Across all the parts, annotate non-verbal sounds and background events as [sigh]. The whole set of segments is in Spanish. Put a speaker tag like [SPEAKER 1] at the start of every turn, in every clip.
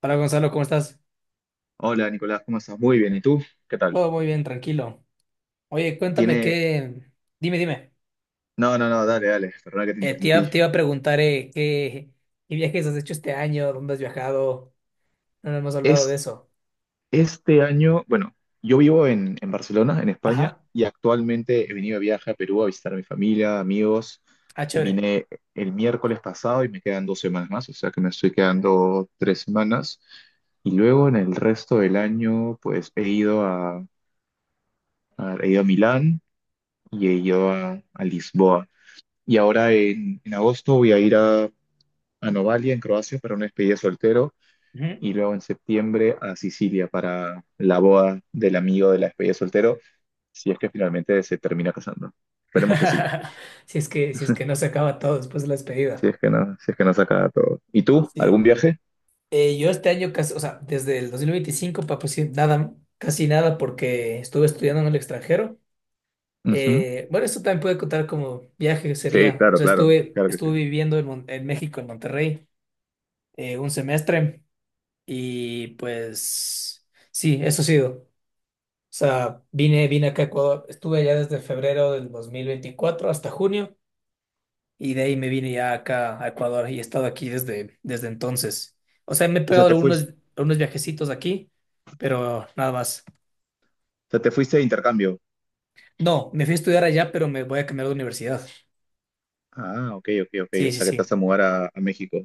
[SPEAKER 1] Hola Gonzalo, ¿cómo estás?
[SPEAKER 2] Hola Nicolás, ¿cómo estás? Muy bien, ¿y tú? ¿Qué tal?
[SPEAKER 1] Todo muy bien, tranquilo. Oye, cuéntame
[SPEAKER 2] Tiene...
[SPEAKER 1] qué. Dime, dime.
[SPEAKER 2] No, no, no, dale, dale, perdona que te interrumpí.
[SPEAKER 1] Te iba a preguntar qué viajes has hecho este año, dónde has viajado. No nos hemos hablado de
[SPEAKER 2] Es
[SPEAKER 1] eso.
[SPEAKER 2] Este año, bueno, yo vivo en Barcelona, en España,
[SPEAKER 1] Ajá.
[SPEAKER 2] y actualmente he venido de viaje a Perú a visitar a mi familia, amigos.
[SPEAKER 1] Ah, chévere.
[SPEAKER 2] Vine el miércoles pasado y me quedan 2 semanas más, o sea que me estoy quedando 3 semanas. Y luego en el resto del año, pues he ido a Milán y he ido a Lisboa. Y ahora en agosto voy a ir a Novalia en Croacia para una despedida de soltero,
[SPEAKER 1] Ujú.
[SPEAKER 2] y luego en septiembre a Sicilia para la boda del amigo de la despedida de soltero, si es que finalmente se termina casando. Esperemos que sí,
[SPEAKER 1] [laughs] Si es que no se
[SPEAKER 2] [laughs]
[SPEAKER 1] acaba todo después de la
[SPEAKER 2] si
[SPEAKER 1] despedida.
[SPEAKER 2] es que no, si es que no saca todo. ¿Y tú? ¿Algún
[SPEAKER 1] Sí.
[SPEAKER 2] viaje?
[SPEAKER 1] Yo este año casi, o sea, desde el 2025 para pues, sí, nada, casi nada porque estuve estudiando en el extranjero.
[SPEAKER 2] Ujú.
[SPEAKER 1] Bueno, esto también puede contar como viaje,
[SPEAKER 2] Sí,
[SPEAKER 1] sería. O
[SPEAKER 2] claro,
[SPEAKER 1] sea,
[SPEAKER 2] claro, claro que sí.
[SPEAKER 1] estuve viviendo en México, en Monterrey, un semestre y pues sí, eso ha sido. O sea, vine acá a Ecuador, estuve allá desde febrero del 2024 hasta junio y de ahí me vine ya acá a Ecuador y he estado aquí desde entonces. O sea, me he
[SPEAKER 2] O sea,
[SPEAKER 1] pegado
[SPEAKER 2] te fuiste,
[SPEAKER 1] algunos viajecitos aquí, pero nada más.
[SPEAKER 2] o sea, te fuiste de intercambio.
[SPEAKER 1] No, me fui a estudiar allá, pero me voy a cambiar de universidad.
[SPEAKER 2] Ah, ok, ok, ok.
[SPEAKER 1] Sí,
[SPEAKER 2] O
[SPEAKER 1] sí,
[SPEAKER 2] sea, que te vas
[SPEAKER 1] sí.
[SPEAKER 2] a mudar a México.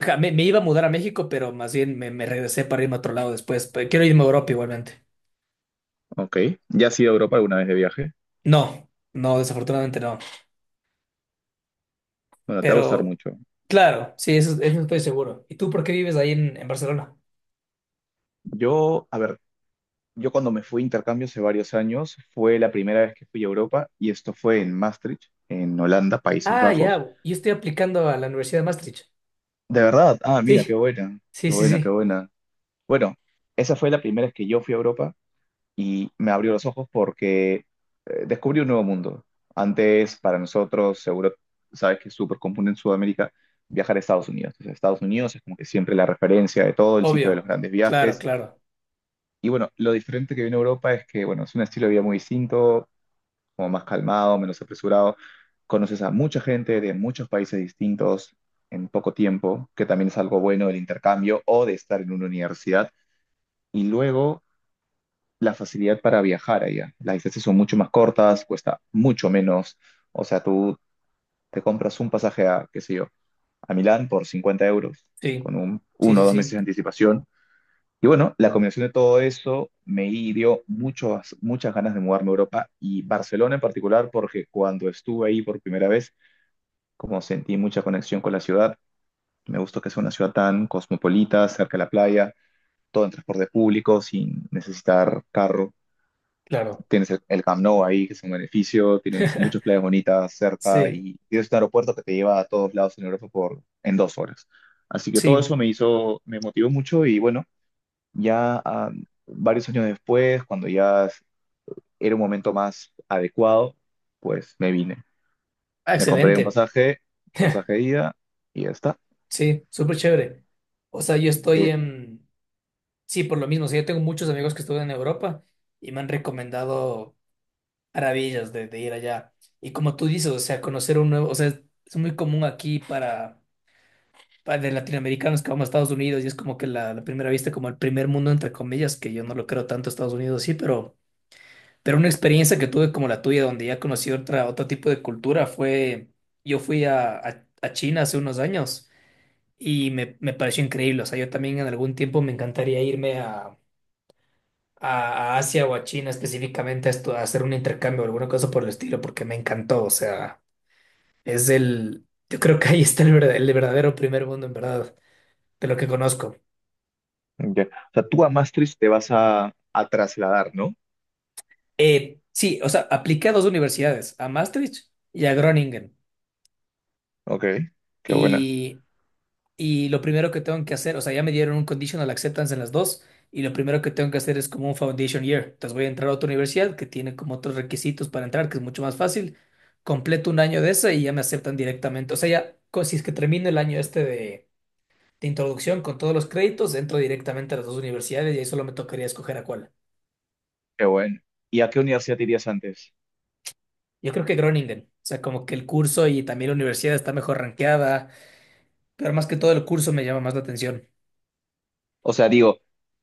[SPEAKER 1] Ja, me iba a mudar a México, pero más bien me regresé para irme a otro lado después. Pero quiero irme a Europa igualmente.
[SPEAKER 2] Ok. ¿Ya has ido a Europa alguna vez de viaje?
[SPEAKER 1] No, no, desafortunadamente no.
[SPEAKER 2] Bueno, te va a gustar
[SPEAKER 1] Pero
[SPEAKER 2] mucho.
[SPEAKER 1] claro, sí, eso estoy seguro. ¿Y tú por qué vives ahí en Barcelona?
[SPEAKER 2] Yo, a ver, yo cuando me fui a intercambio hace varios años, fue la primera vez que fui a Europa, y esto fue en Maastricht, en Holanda, Países
[SPEAKER 1] Ah,
[SPEAKER 2] Bajos.
[SPEAKER 1] ya, yo estoy aplicando a la Universidad de Maastricht.
[SPEAKER 2] De verdad, ah, mira, qué
[SPEAKER 1] Sí,
[SPEAKER 2] buena, qué
[SPEAKER 1] sí, sí,
[SPEAKER 2] buena, qué
[SPEAKER 1] sí,
[SPEAKER 2] buena. Bueno, esa fue la primera vez que yo fui a Europa y me abrió los ojos porque descubrí un nuevo mundo. Antes, para nosotros, seguro sabes que es súper común en Sudamérica viajar a Estados Unidos. Entonces, Estados Unidos es como que siempre la referencia de todo, el sitio de los
[SPEAKER 1] obvio.
[SPEAKER 2] grandes
[SPEAKER 1] Claro,
[SPEAKER 2] viajes.
[SPEAKER 1] claro.
[SPEAKER 2] Y bueno, lo diferente que viene a Europa es que, bueno, es un estilo de vida muy distinto, como más calmado, menos apresurado. Conoces a mucha gente de muchos países distintos en poco tiempo, que también es algo bueno del intercambio o de estar en una universidad. Y luego la facilidad para viajar allá. Las distancias son mucho más cortas, cuesta mucho menos. O sea, tú te compras un pasaje a, qué sé yo, a Milán por 50 euros,
[SPEAKER 1] Sí,
[SPEAKER 2] con
[SPEAKER 1] sí,
[SPEAKER 2] uno o
[SPEAKER 1] sí,
[SPEAKER 2] dos meses
[SPEAKER 1] sí,
[SPEAKER 2] de anticipación, y bueno, la combinación de todo eso me dio muchas muchas ganas de mudarme a Europa y Barcelona en particular, porque cuando estuve ahí por primera vez, como sentí mucha conexión con la ciudad, me gustó que sea una ciudad tan cosmopolita, cerca de la playa, todo en transporte público, sin necesitar carro.
[SPEAKER 1] claro.
[SPEAKER 2] Tienes el Camp Nou ahí, que es un beneficio, tienes muchas
[SPEAKER 1] [laughs]
[SPEAKER 2] playas bonitas cerca
[SPEAKER 1] Sí,
[SPEAKER 2] y tienes un aeropuerto que te lleva a todos lados en Europa en 2 horas. Así que todo
[SPEAKER 1] sí.
[SPEAKER 2] eso me hizo, me motivó mucho y bueno, ya ah, varios años después, cuando ya era un momento más adecuado, pues me vine.
[SPEAKER 1] Ah,
[SPEAKER 2] Me compré un
[SPEAKER 1] excelente.
[SPEAKER 2] pasaje,
[SPEAKER 1] [laughs]
[SPEAKER 2] pasaje de ida y ya está.
[SPEAKER 1] Sí, súper chévere. O sea, yo estoy
[SPEAKER 2] Eh,
[SPEAKER 1] en. Sí, por lo mismo, o sea, yo tengo muchos amigos que estudian en Europa y me han recomendado maravillas de ir allá. Y como tú dices, o sea, conocer un nuevo, o sea, es muy común aquí para de latinoamericanos que vamos a Estados Unidos y es como que la primera vista, como el primer mundo, entre comillas, que yo no lo creo tanto Estados Unidos, sí, pero una experiencia que tuve como la tuya, donde ya conocí otra, otro tipo de cultura, fue, yo fui a China hace unos años y me pareció increíble, o sea, yo también en algún tiempo me encantaría irme a Asia o a China específicamente a hacer un intercambio o alguna cosa por el estilo, porque me encantó. O sea, yo creo que ahí está el verdadero primer mundo, en verdad, de lo que conozco.
[SPEAKER 2] ya. O sea, tú a Maastricht te vas a trasladar, ¿no?
[SPEAKER 1] Sí, o sea, apliqué a dos universidades, a Maastricht y a Groningen.
[SPEAKER 2] Ok, qué buena.
[SPEAKER 1] Y lo primero que tengo que hacer, o sea, ya me dieron un conditional acceptance en las dos, y lo primero que tengo que hacer es como un foundation year. Entonces voy a entrar a otra universidad que tiene como otros requisitos para entrar, que es mucho más fácil. Completo un año de esa y ya me aceptan directamente. O sea, ya, si es que termino el año este de introducción con todos los créditos, entro directamente a las dos universidades y ahí solo me tocaría escoger a cuál.
[SPEAKER 2] Qué bueno. ¿Y a qué universidad te irías antes?
[SPEAKER 1] Yo creo que Groningen, o sea, como que el curso y también la universidad está mejor rankeada, pero más que todo el curso me llama más la atención.
[SPEAKER 2] O sea, digo,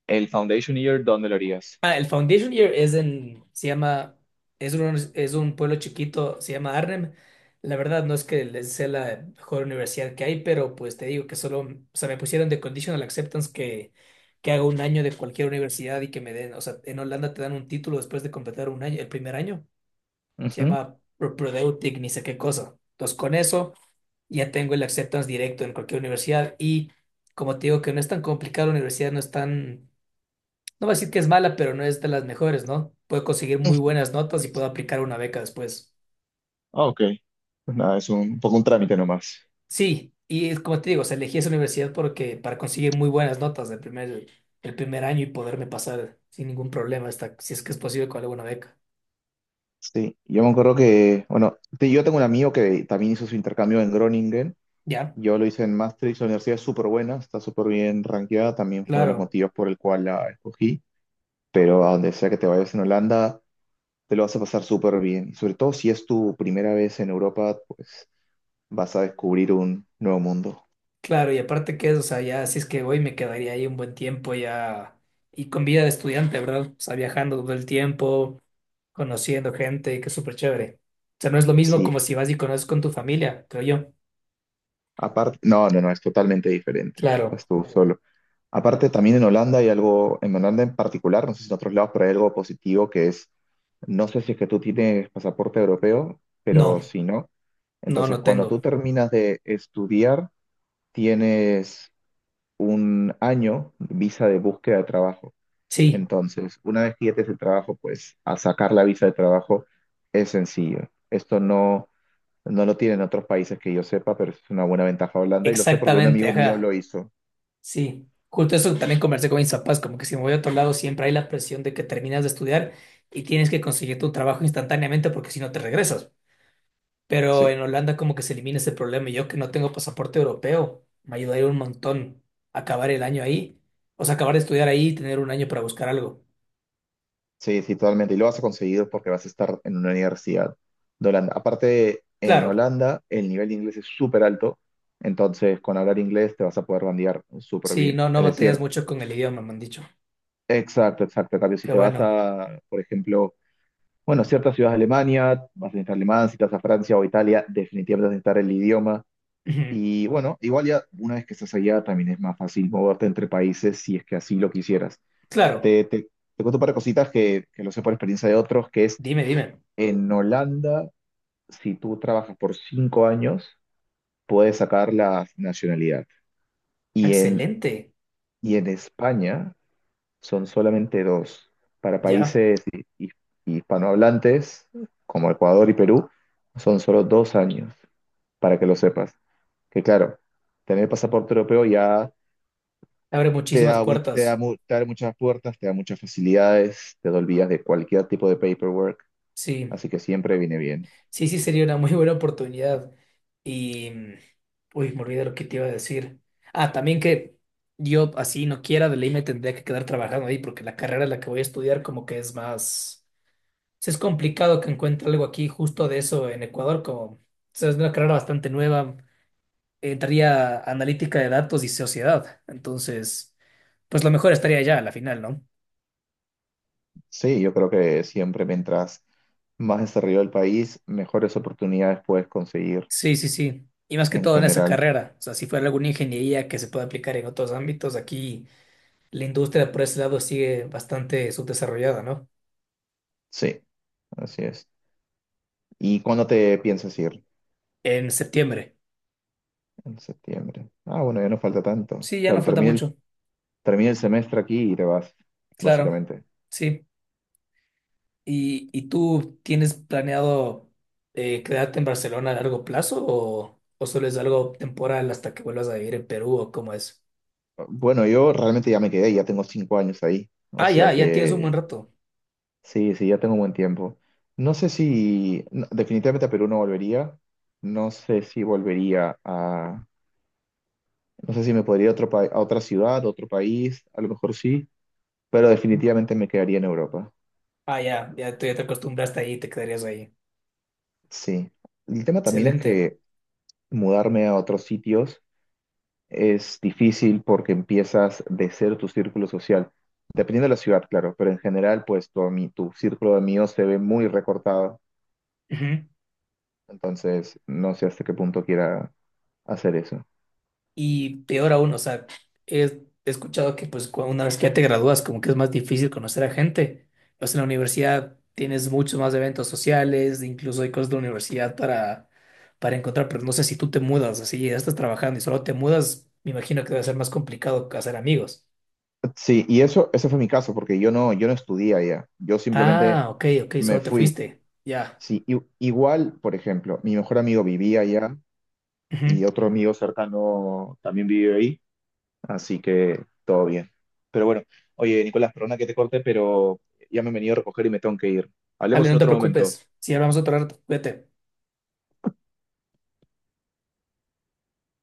[SPEAKER 2] el Foundation Year, ¿dónde lo harías?
[SPEAKER 1] Ah, el Foundation Year es en, se llama, es un pueblo chiquito, se llama Arnhem. La verdad no es que les sea la mejor universidad que hay, pero pues te digo que solo, o sea, me pusieron de conditional acceptance que haga un año de cualquier universidad y que me den, o sea, en Holanda te dan un título después de completar un año, el primer año. Se
[SPEAKER 2] Ujú.
[SPEAKER 1] llama Prodeutic, ni sé qué cosa. Entonces con eso ya tengo el acceptance directo en cualquier universidad y como te digo que no es tan complicado, la universidad no es tan, no voy a decir que es mala, pero no es de las mejores, ¿no? Puedo conseguir muy buenas notas y puedo aplicar una beca después.
[SPEAKER 2] Ah, ok. Pues nada, es un, poco un trámite nomás.
[SPEAKER 1] Sí, y es como te digo, o sea, elegí esa universidad porque para conseguir muy buenas notas el primer año y poderme pasar sin ningún problema hasta si es que es posible con alguna beca.
[SPEAKER 2] Sí, yo me acuerdo que, bueno, yo tengo un amigo que también hizo su intercambio en Groningen.
[SPEAKER 1] Ya,
[SPEAKER 2] Yo lo hice en Maastricht, la universidad es súper buena, está súper bien rankeada, también fue uno de los
[SPEAKER 1] claro,
[SPEAKER 2] motivos por el cual la escogí, pero a donde sea que te vayas en Holanda, te lo vas a pasar súper bien. Y sobre todo si es tu primera vez en Europa, pues vas a descubrir un nuevo mundo.
[SPEAKER 1] claro, y aparte que es, o sea, ya si es que voy me quedaría ahí un buen tiempo ya y con vida de estudiante, ¿verdad? O sea, viajando todo el tiempo, conociendo gente, que es súper chévere. O sea, no es lo mismo
[SPEAKER 2] Sí,
[SPEAKER 1] como si vas y conoces con tu familia, creo yo.
[SPEAKER 2] aparte, no, no, no, es totalmente diferente.
[SPEAKER 1] Claro.
[SPEAKER 2] Estás tú solo. Aparte, también en Holanda hay algo, en Holanda en particular, no sé si en otros lados, pero hay algo positivo que es, no sé si es que tú tienes pasaporte europeo,
[SPEAKER 1] No,
[SPEAKER 2] pero si no,
[SPEAKER 1] no,
[SPEAKER 2] entonces
[SPEAKER 1] no
[SPEAKER 2] cuando tú
[SPEAKER 1] tengo.
[SPEAKER 2] terminas de estudiar, tienes un año de visa de búsqueda de trabajo.
[SPEAKER 1] Sí,
[SPEAKER 2] Entonces, una vez que ya tienes el trabajo, pues a sacar la visa de trabajo es sencillo. Esto no lo tienen otros países que yo sepa, pero es una buena ventaja Holanda y lo sé porque un
[SPEAKER 1] exactamente,
[SPEAKER 2] amigo mío lo
[SPEAKER 1] ajá.
[SPEAKER 2] hizo.
[SPEAKER 1] Sí. Justo eso también conversé con mis papás, como que si me voy a otro lado siempre hay la presión de que terminas de estudiar y tienes que conseguir tu trabajo instantáneamente porque si no te regresas. Pero
[SPEAKER 2] Sí,
[SPEAKER 1] en Holanda como que se elimina ese problema y yo que no tengo pasaporte europeo, me ayudaría un montón acabar el año ahí, o sea, acabar de estudiar ahí y tener un año para buscar algo.
[SPEAKER 2] sí, sí, totalmente. Y lo vas a conseguir porque vas a estar en una universidad de Holanda. Aparte, en
[SPEAKER 1] Claro,
[SPEAKER 2] Holanda el nivel de inglés es súper alto, entonces con hablar inglés te vas a poder bandear súper
[SPEAKER 1] sí,
[SPEAKER 2] bien.
[SPEAKER 1] no, no
[SPEAKER 2] Es
[SPEAKER 1] batallas
[SPEAKER 2] decir,
[SPEAKER 1] mucho con el idioma, me han dicho.
[SPEAKER 2] exacto, exacto. En cambio, si
[SPEAKER 1] Qué
[SPEAKER 2] te vas
[SPEAKER 1] bueno.
[SPEAKER 2] a, por ejemplo, bueno, ciertas ciudades de Alemania, vas a necesitar alemán, si te vas a Francia o Italia, definitivamente vas a necesitar el idioma.
[SPEAKER 1] Ujú.
[SPEAKER 2] Y bueno, igual ya una vez que estás allá también es más fácil moverte entre países si es que así lo quisieras.
[SPEAKER 1] Claro,
[SPEAKER 2] Te, te, Te cuento un par de cositas que lo sé por experiencia de otros, que es
[SPEAKER 1] dime, dime.
[SPEAKER 2] en Holanda, si tú trabajas por 5 años, puedes sacar la nacionalidad. Y en,
[SPEAKER 1] Excelente.
[SPEAKER 2] y en España son solamente dos. Para
[SPEAKER 1] Ya.
[SPEAKER 2] países hispanohablantes, como Ecuador y Perú, son solo 2 años, para que lo sepas. Que claro, tener pasaporte europeo ya
[SPEAKER 1] Abre muchísimas puertas.
[SPEAKER 2] te abre muchas puertas, te da muchas facilidades, te olvidas de cualquier tipo de paperwork,
[SPEAKER 1] Sí,
[SPEAKER 2] así que siempre viene bien.
[SPEAKER 1] sí, sí, sería una muy buena oportunidad. Y, uy, me olvidé lo que te iba a decir. Ah, también que yo así no quiera, de ley me tendría que quedar trabajando ahí porque la carrera en la que voy a estudiar como que es más. Sí, es complicado que encuentre algo aquí justo de eso en Ecuador, como, o sea, es una carrera bastante nueva. Entraría analítica de datos y sociedad. Entonces, pues lo mejor estaría allá a la final, ¿no?
[SPEAKER 2] Sí, yo creo que siempre mientras más desarrollado el país, mejores oportunidades puedes conseguir
[SPEAKER 1] Sí, sí, sí. Y más que
[SPEAKER 2] en
[SPEAKER 1] todo en esa
[SPEAKER 2] general.
[SPEAKER 1] carrera. O sea, si fuera alguna ingeniería que se pueda aplicar en otros ámbitos, aquí la industria por ese lado sigue bastante subdesarrollada, ¿no?
[SPEAKER 2] Sí, así es. ¿Y cuándo te piensas ir?
[SPEAKER 1] En septiembre.
[SPEAKER 2] En septiembre. Ah, bueno, ya no falta tanto.
[SPEAKER 1] Sí, ya no
[SPEAKER 2] Claro,
[SPEAKER 1] falta mucho.
[SPEAKER 2] termina el semestre aquí y te vas,
[SPEAKER 1] Claro.
[SPEAKER 2] básicamente.
[SPEAKER 1] Sí. ¿Y tú tienes planeado quedarte en Barcelona a largo plazo o solo es algo temporal hasta que vuelvas a vivir en Perú o cómo es?
[SPEAKER 2] Bueno, yo realmente ya me quedé, ya tengo 5 años ahí. O
[SPEAKER 1] Ah,
[SPEAKER 2] sea
[SPEAKER 1] ya, ya tienes un buen
[SPEAKER 2] que
[SPEAKER 1] rato.
[SPEAKER 2] sí, sí, ya tengo un buen tiempo. No sé si, no, definitivamente a Perú no volvería. No sé si volvería a, no sé si me podría ir a otro a otra ciudad, a otro país, a lo mejor sí, pero definitivamente me quedaría en Europa.
[SPEAKER 1] Ah, ya, ya, tú ya te acostumbraste ahí y te quedarías ahí.
[SPEAKER 2] Sí. El tema también es
[SPEAKER 1] Excelente.
[SPEAKER 2] que mudarme a otros sitios es difícil porque empiezas de cero tu círculo social, dependiendo de la ciudad, claro, pero en general, pues tu círculo de amigos se ve muy recortado,
[SPEAKER 1] Ujú.
[SPEAKER 2] entonces no sé hasta qué punto quiera hacer eso.
[SPEAKER 1] Y peor aún, o sea, he escuchado que pues una vez que ya te gradúas, como que es más difícil conocer a gente. Pues en la universidad tienes muchos más eventos sociales, incluso hay cosas de la universidad para encontrar, pero no sé si tú te mudas, así ya estás trabajando y solo te mudas, me imagino que debe ser más complicado hacer amigos.
[SPEAKER 2] Sí, y eso, ese fue mi caso, porque yo no estudié allá, yo simplemente
[SPEAKER 1] Ah, ok, ok,
[SPEAKER 2] me
[SPEAKER 1] solo te
[SPEAKER 2] fui.
[SPEAKER 1] fuiste. Ya.
[SPEAKER 2] Sí, igual, por ejemplo, mi mejor amigo vivía allá
[SPEAKER 1] Ujú.
[SPEAKER 2] y otro amigo cercano también vive ahí. Así que todo bien. Pero bueno, oye, Nicolás, perdona que te corte, pero ya me han venido a recoger y me tengo que ir.
[SPEAKER 1] Dale,
[SPEAKER 2] Hablemos
[SPEAKER 1] no
[SPEAKER 2] en
[SPEAKER 1] te
[SPEAKER 2] otro momento.
[SPEAKER 1] preocupes. Si hablamos otro rato, cuídate.